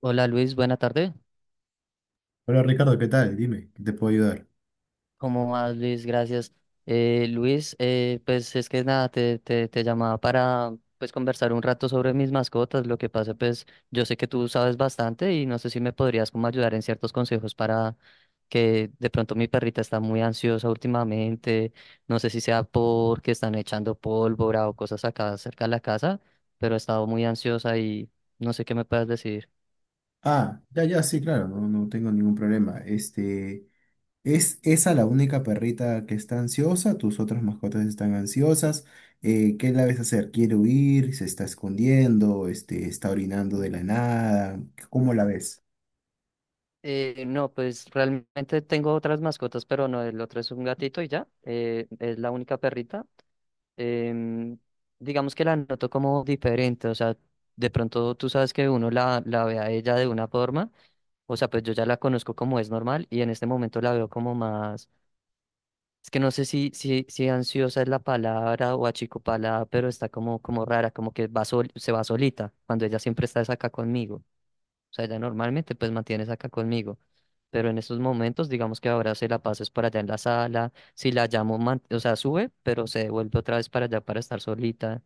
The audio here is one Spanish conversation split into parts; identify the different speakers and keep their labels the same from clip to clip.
Speaker 1: Hola Luis, buena tarde.
Speaker 2: Hola Ricardo, ¿qué tal? Dime, ¿qué te puedo ayudar?
Speaker 1: ¿Cómo vas Luis? Gracias. Luis, pues es que nada, te llamaba para pues conversar un rato sobre mis mascotas. Lo que pasa, pues yo sé que tú sabes bastante y no sé si me podrías como ayudar en ciertos consejos para que de pronto mi perrita está muy ansiosa últimamente. No sé si sea porque están echando pólvora o cosas acá cerca de la casa, pero ha estado muy ansiosa y no sé qué me puedas decir.
Speaker 2: Ah, ya, ya, sí, claro, no, no tengo ningún problema. ¿Es esa la única perrita que está ansiosa? ¿Tus otras mascotas están ansiosas? ¿Qué la ves hacer? ¿Quiere huir? ¿Se está escondiendo? ¿Está orinando de la nada? ¿Cómo la ves?
Speaker 1: No, pues realmente tengo otras mascotas, pero no, el otro es un gatito y ya, es la única perrita. Em, digamos que la noto como diferente, o sea, de pronto tú sabes que uno la ve a ella de una forma, o sea, pues yo ya la conozco como es normal y en este momento la veo como más, es que no sé si ansiosa es la palabra o achicopalada, pero está como, como rara, como que se va solita, cuando ella siempre está es acá conmigo. O sea, ella normalmente pues mantienes acá conmigo. Pero en estos momentos, digamos que ahora se la pases para allá en la sala. Si la llamo, o sea, sube, pero se vuelve otra vez para allá para estar solita.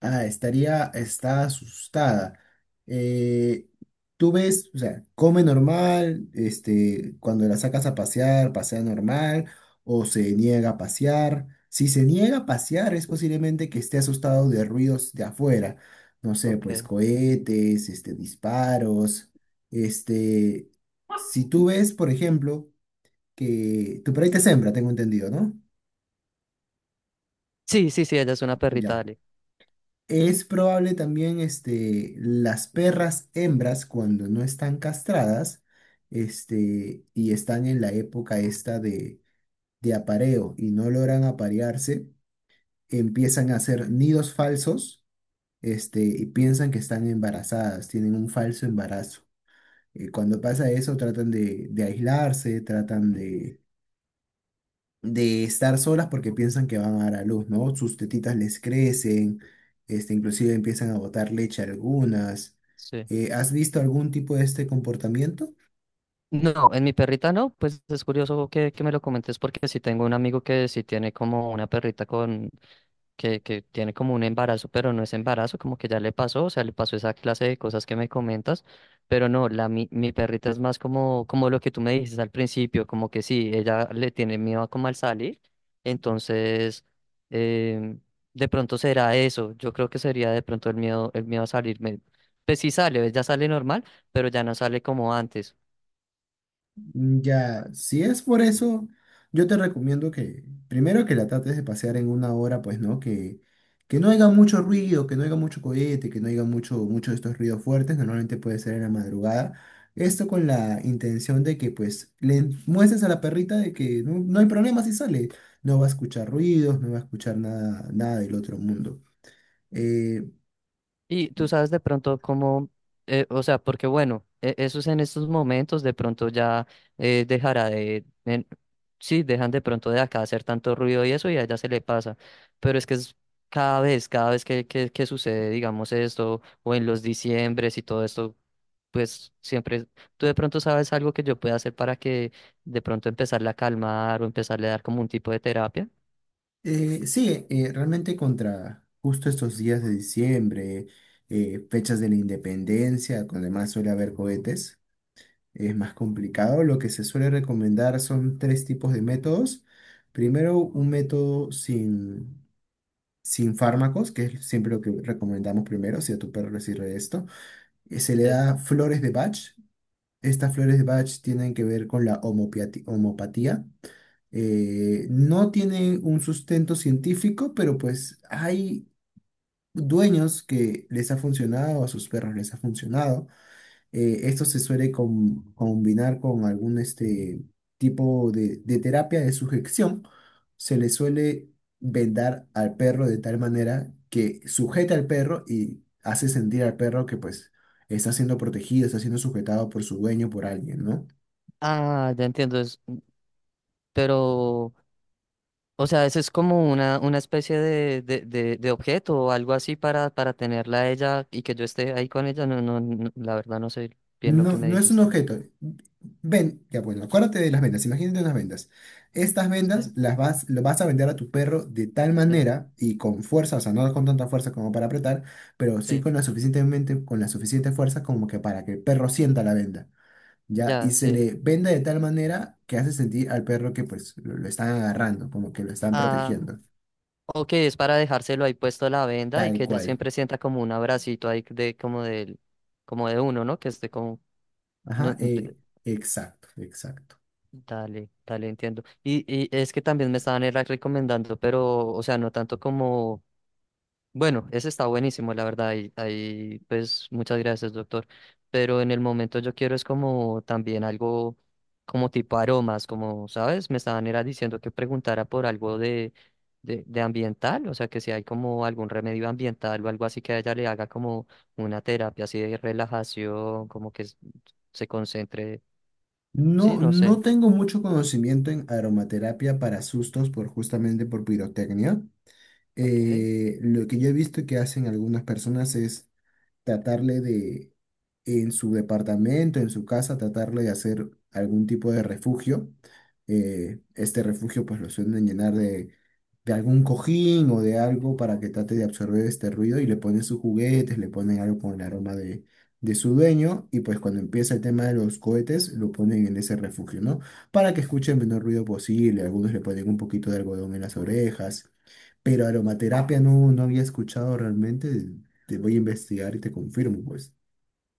Speaker 2: Ah, está asustada. Eh, tú ves, o sea, come normal, cuando la sacas a pasear, pasea normal, o se niega a pasear. Si se niega a pasear, es posiblemente que esté asustado de ruidos de afuera. No sé,
Speaker 1: Ok.
Speaker 2: pues cohetes, disparos. Este, si tú ves, por ejemplo, que tu perrita es hembra, tengo entendido, ¿no?
Speaker 1: Sí, sí, sí, ella es una perrita,
Speaker 2: Ya.
Speaker 1: dale.
Speaker 2: Es probable también las perras hembras cuando no están castradas y están en la época esta de apareo y no logran aparearse, empiezan a hacer nidos falsos y piensan que están embarazadas, tienen un falso embarazo. Cuando pasa eso tratan de aislarse, tratan de estar solas porque piensan que van a dar a luz, ¿no? Sus tetitas les crecen, inclusive empiezan a botar leche algunas.
Speaker 1: Sí.
Speaker 2: ¿Has visto algún tipo de este comportamiento?
Speaker 1: No, en mi perrita no, pues es curioso que me lo comentes porque sí tengo un amigo que sí tiene como una perrita que tiene como un embarazo, pero no es embarazo, como que ya le pasó, o sea, le pasó esa clase de cosas que me comentas, pero no, mi perrita es más como, como lo que tú me dices al principio, como que sí, ella le tiene miedo como al salir, entonces em, de pronto será eso, yo creo que sería de pronto el miedo a salir, pues sí sale, ella sale normal, pero ya no sale como antes.
Speaker 2: Mm, ya, si es por eso, yo te recomiendo que primero que la trates de pasear en una hora, pues, ¿no? Que no haya mucho ruido, que no haya mucho cohete, que no haya mucho, mucho de estos ruidos fuertes, normalmente puede ser en la madrugada. Esto con la intención de que, pues, le muestres a la perrita de que no, no hay problema si sale. No va a escuchar ruidos, no va a escuchar nada, nada del otro mundo. Eh,
Speaker 1: Y tú sabes de pronto cómo, o sea, porque bueno, esos en estos momentos de pronto ya dejará de, sí, dejan de pronto de acá hacer tanto ruido y eso y a ella se le pasa, pero es que es cada vez que sucede, digamos esto, o en los diciembres y todo esto, pues siempre, tú de pronto sabes algo que yo pueda hacer para que de pronto empezarla a calmar o empezarle a dar como un tipo de terapia.
Speaker 2: sí, realmente contra justo estos días de diciembre, fechas de la independencia, donde más suele haber cohetes, es más complicado. Lo que se suele recomendar son tres tipos de métodos. Primero, un método sin fármacos, que es siempre lo que recomendamos primero, si a tu perro le sirve esto. Se le
Speaker 1: Sí.
Speaker 2: da flores de Bach. Estas flores de Bach tienen que ver con la homopatía, no tiene un sustento científico, pero pues hay dueños que les ha funcionado, a sus perros les ha funcionado. Esto se suele combinar con algún tipo de terapia de sujeción. Se le suele vendar al perro de tal manera que sujeta al perro y hace sentir al perro que pues está siendo protegido, está siendo sujetado por su dueño, por alguien, ¿no?
Speaker 1: Ah, ya entiendo, pero O sea, eso es como una especie de objeto o algo así para tenerla a ella y que yo esté ahí con ella. No, no, no, la verdad no sé bien lo que
Speaker 2: No,
Speaker 1: me
Speaker 2: no es un
Speaker 1: dijiste.
Speaker 2: objeto. Ven, ya bueno, acuérdate de las vendas, imagínate unas vendas. Estas vendas
Speaker 1: Sí,
Speaker 2: lo vas a vender a tu perro de tal
Speaker 1: sí,
Speaker 2: manera y con fuerza, o sea, no con tanta fuerza como para apretar, pero sí
Speaker 1: sí,
Speaker 2: con la suficiente fuerza como que para que el perro sienta la venda, ¿ya? Y
Speaker 1: ya,
Speaker 2: se
Speaker 1: sí.
Speaker 2: le venda de tal manera que hace sentir al perro que pues lo están agarrando, como que lo están
Speaker 1: Ah,
Speaker 2: protegiendo,
Speaker 1: ok, es para dejárselo ahí puesto la venda y
Speaker 2: tal
Speaker 1: que ella
Speaker 2: cual.
Speaker 1: siempre sienta como un abracito ahí de como del, como de uno, ¿no? Que esté como, no,
Speaker 2: Ajá, exacto, exacto.
Speaker 1: dale, dale, entiendo. Y es que también me estaban era recomendando, pero, o sea, no tanto como. Bueno, ese está buenísimo, la verdad, y ahí pues muchas gracias, doctor. Pero en el momento yo quiero es como también algo como tipo aromas, como, ¿sabes? Me estaban era diciendo que preguntara por algo de ambiental, o sea, que si hay como algún remedio ambiental o algo así que a ella le haga como una terapia así de relajación, como que se concentre, sí,
Speaker 2: No,
Speaker 1: no
Speaker 2: no
Speaker 1: sé.
Speaker 2: tengo mucho conocimiento en aromaterapia para sustos por justamente por pirotecnia.
Speaker 1: Ok.
Speaker 2: Lo que yo he visto que hacen algunas personas es tratarle de, en su departamento, en su casa, tratarle de hacer algún tipo de refugio. Este refugio pues lo suelen llenar de algún cojín o de algo para que trate de absorber este ruido y le ponen sus juguetes, le ponen algo con el aroma de su dueño y pues cuando empieza el tema de los cohetes lo ponen en ese refugio, ¿no? Para que escuche el menor ruido posible, algunos le ponen un poquito de algodón en las orejas. Pero aromaterapia no, no había escuchado realmente. Te voy a investigar y te confirmo, pues.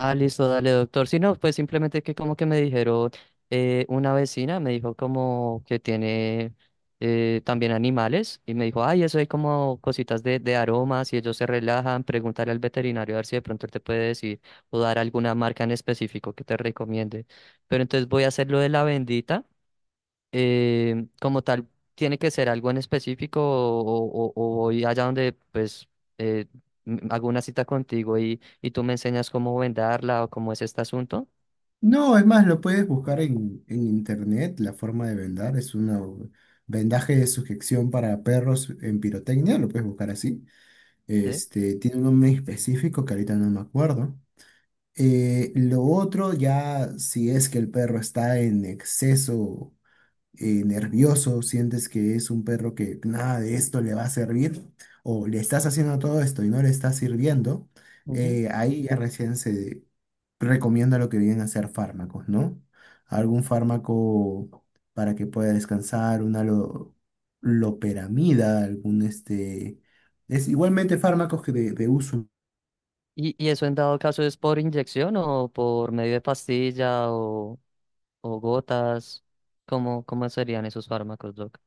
Speaker 1: Ah, listo, dale, doctor. Si no, pues simplemente que como que me dijeron, una vecina me dijo como que tiene también animales y me dijo, ay, eso hay como cositas de aromas y ellos se relajan, pregúntale al veterinario a ver si de pronto él te puede decir o dar alguna marca en específico que te recomiende. Pero entonces voy a hacer lo de la bendita como tal, tiene que ser algo en específico o, o voy allá donde pues eh, hago una cita contigo y tú me enseñas cómo vendarla o cómo es este asunto.
Speaker 2: No, es más, lo puedes buscar en internet, la forma de vendar. Es un vendaje de sujeción para perros en pirotecnia, lo puedes buscar así.
Speaker 1: ¿Sí?
Speaker 2: Tiene un nombre específico que ahorita no me acuerdo. Lo otro ya, si es que el perro está en exceso nervioso, sientes que es un perro que nada de esto le va a servir, o le estás haciendo todo esto y no le está sirviendo,
Speaker 1: Ujú.
Speaker 2: ahí ya recién se recomienda lo que vienen a ser fármacos, ¿no? Algún fármaco para que pueda descansar, una loperamida, algún. Es igualmente fármacos que de uso.
Speaker 1: Y eso en dado caso es por inyección o por medio de pastilla o gotas? ¿Cómo, cómo serían esos fármacos, Doc?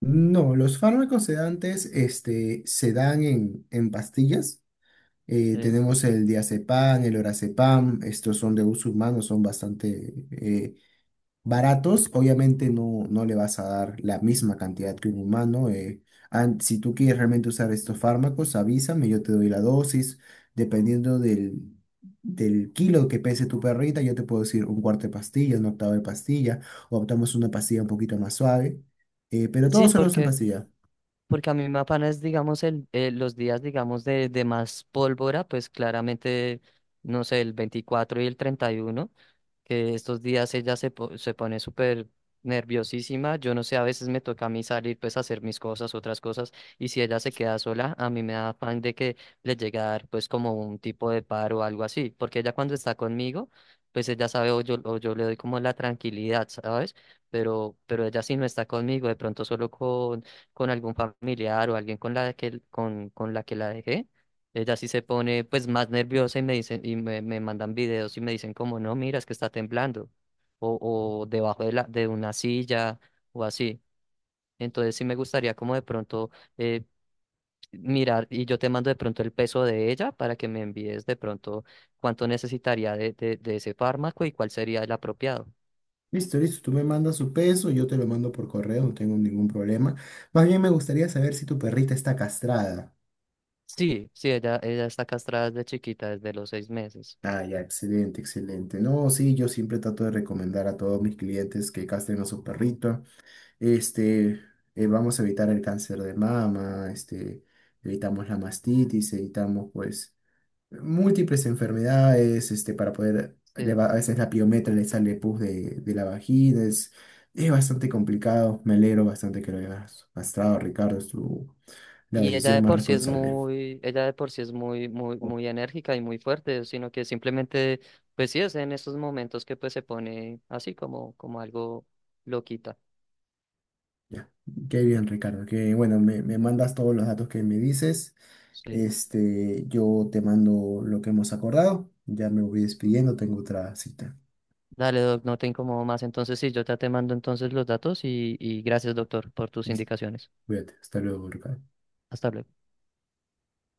Speaker 2: No, los fármacos sedantes se dan en, pastillas. Eh,
Speaker 1: Sí.
Speaker 2: tenemos el diazepam, el lorazepam, estos son de uso humano, son bastante baratos. Obviamente no, no le vas a dar la misma cantidad que un humano. Si tú quieres realmente usar estos fármacos, avísame, yo te doy la dosis. Dependiendo del kilo que pese tu perrita, yo te puedo decir un cuarto de pastilla, un octavo de pastilla, o optamos una pastilla un poquito más suave. Pero
Speaker 1: Sí,
Speaker 2: todos solo en
Speaker 1: porque.
Speaker 2: pastilla.
Speaker 1: Porque a mí me apana es, digamos, los días, digamos, de más pólvora, pues claramente, no sé, el 24 y el 31 que estos días ella se pone súper nerviosísima. Yo no sé, a veces me toca a mí salir, pues, a hacer mis cosas, otras cosas, y si ella se queda sola, a mí me da afán de que le llegue a dar, pues, como un tipo de paro o algo así. Porque ella cuando está conmigo, pues ella sabe o yo le doy como la tranquilidad, ¿sabes? Pero ella si no está conmigo, de pronto solo con algún familiar o alguien con la que, con la que la dejé, ella sí se pone pues más nerviosa y me dicen, me mandan videos y me dicen como, no, mira, es que está temblando, o, o debajo de de una silla, o así. Entonces sí me gustaría como de pronto eh, mirar, y yo te mando de pronto el peso de ella para que me envíes de pronto cuánto necesitaría de ese fármaco y cuál sería el apropiado.
Speaker 2: Listo, listo. Tú me mandas su peso, yo te lo mando por correo, no tengo ningún problema. Más bien me gustaría saber si tu perrita está castrada.
Speaker 1: Sí, sí, ella está castrada desde chiquita, desde los 6 meses.
Speaker 2: Ah, ya, excelente, excelente. No, sí, yo siempre trato de recomendar a todos mis clientes que castren a su perrito. Este, vamos a evitar el cáncer de mama, evitamos la mastitis, evitamos, pues, múltiples enfermedades, para poder,
Speaker 1: Sí.
Speaker 2: a veces la piometra le sale pus de la vagina, es bastante complicado, me alegro bastante que lo hayas gastado, Ricardo, la
Speaker 1: Y ella
Speaker 2: decisión
Speaker 1: de
Speaker 2: más
Speaker 1: por sí es
Speaker 2: responsable.
Speaker 1: muy, ella de por sí es muy, muy, muy enérgica y muy fuerte, sino que simplemente, pues sí, es en estos momentos que pues se pone así como, como algo loquita.
Speaker 2: Ya, qué bien, Ricardo, que bueno, me mandas todos los datos que me dices,
Speaker 1: Sí.
Speaker 2: yo te mando lo que hemos acordado, ya me voy despidiendo, tengo otra cita.
Speaker 1: Dale, Doc, no te incomodo más. Entonces sí, yo ya te mando entonces los datos y gracias, doctor, por tus
Speaker 2: Listo,
Speaker 1: indicaciones.
Speaker 2: cuídate, hasta luego, Ricardo.
Speaker 1: Hasta luego.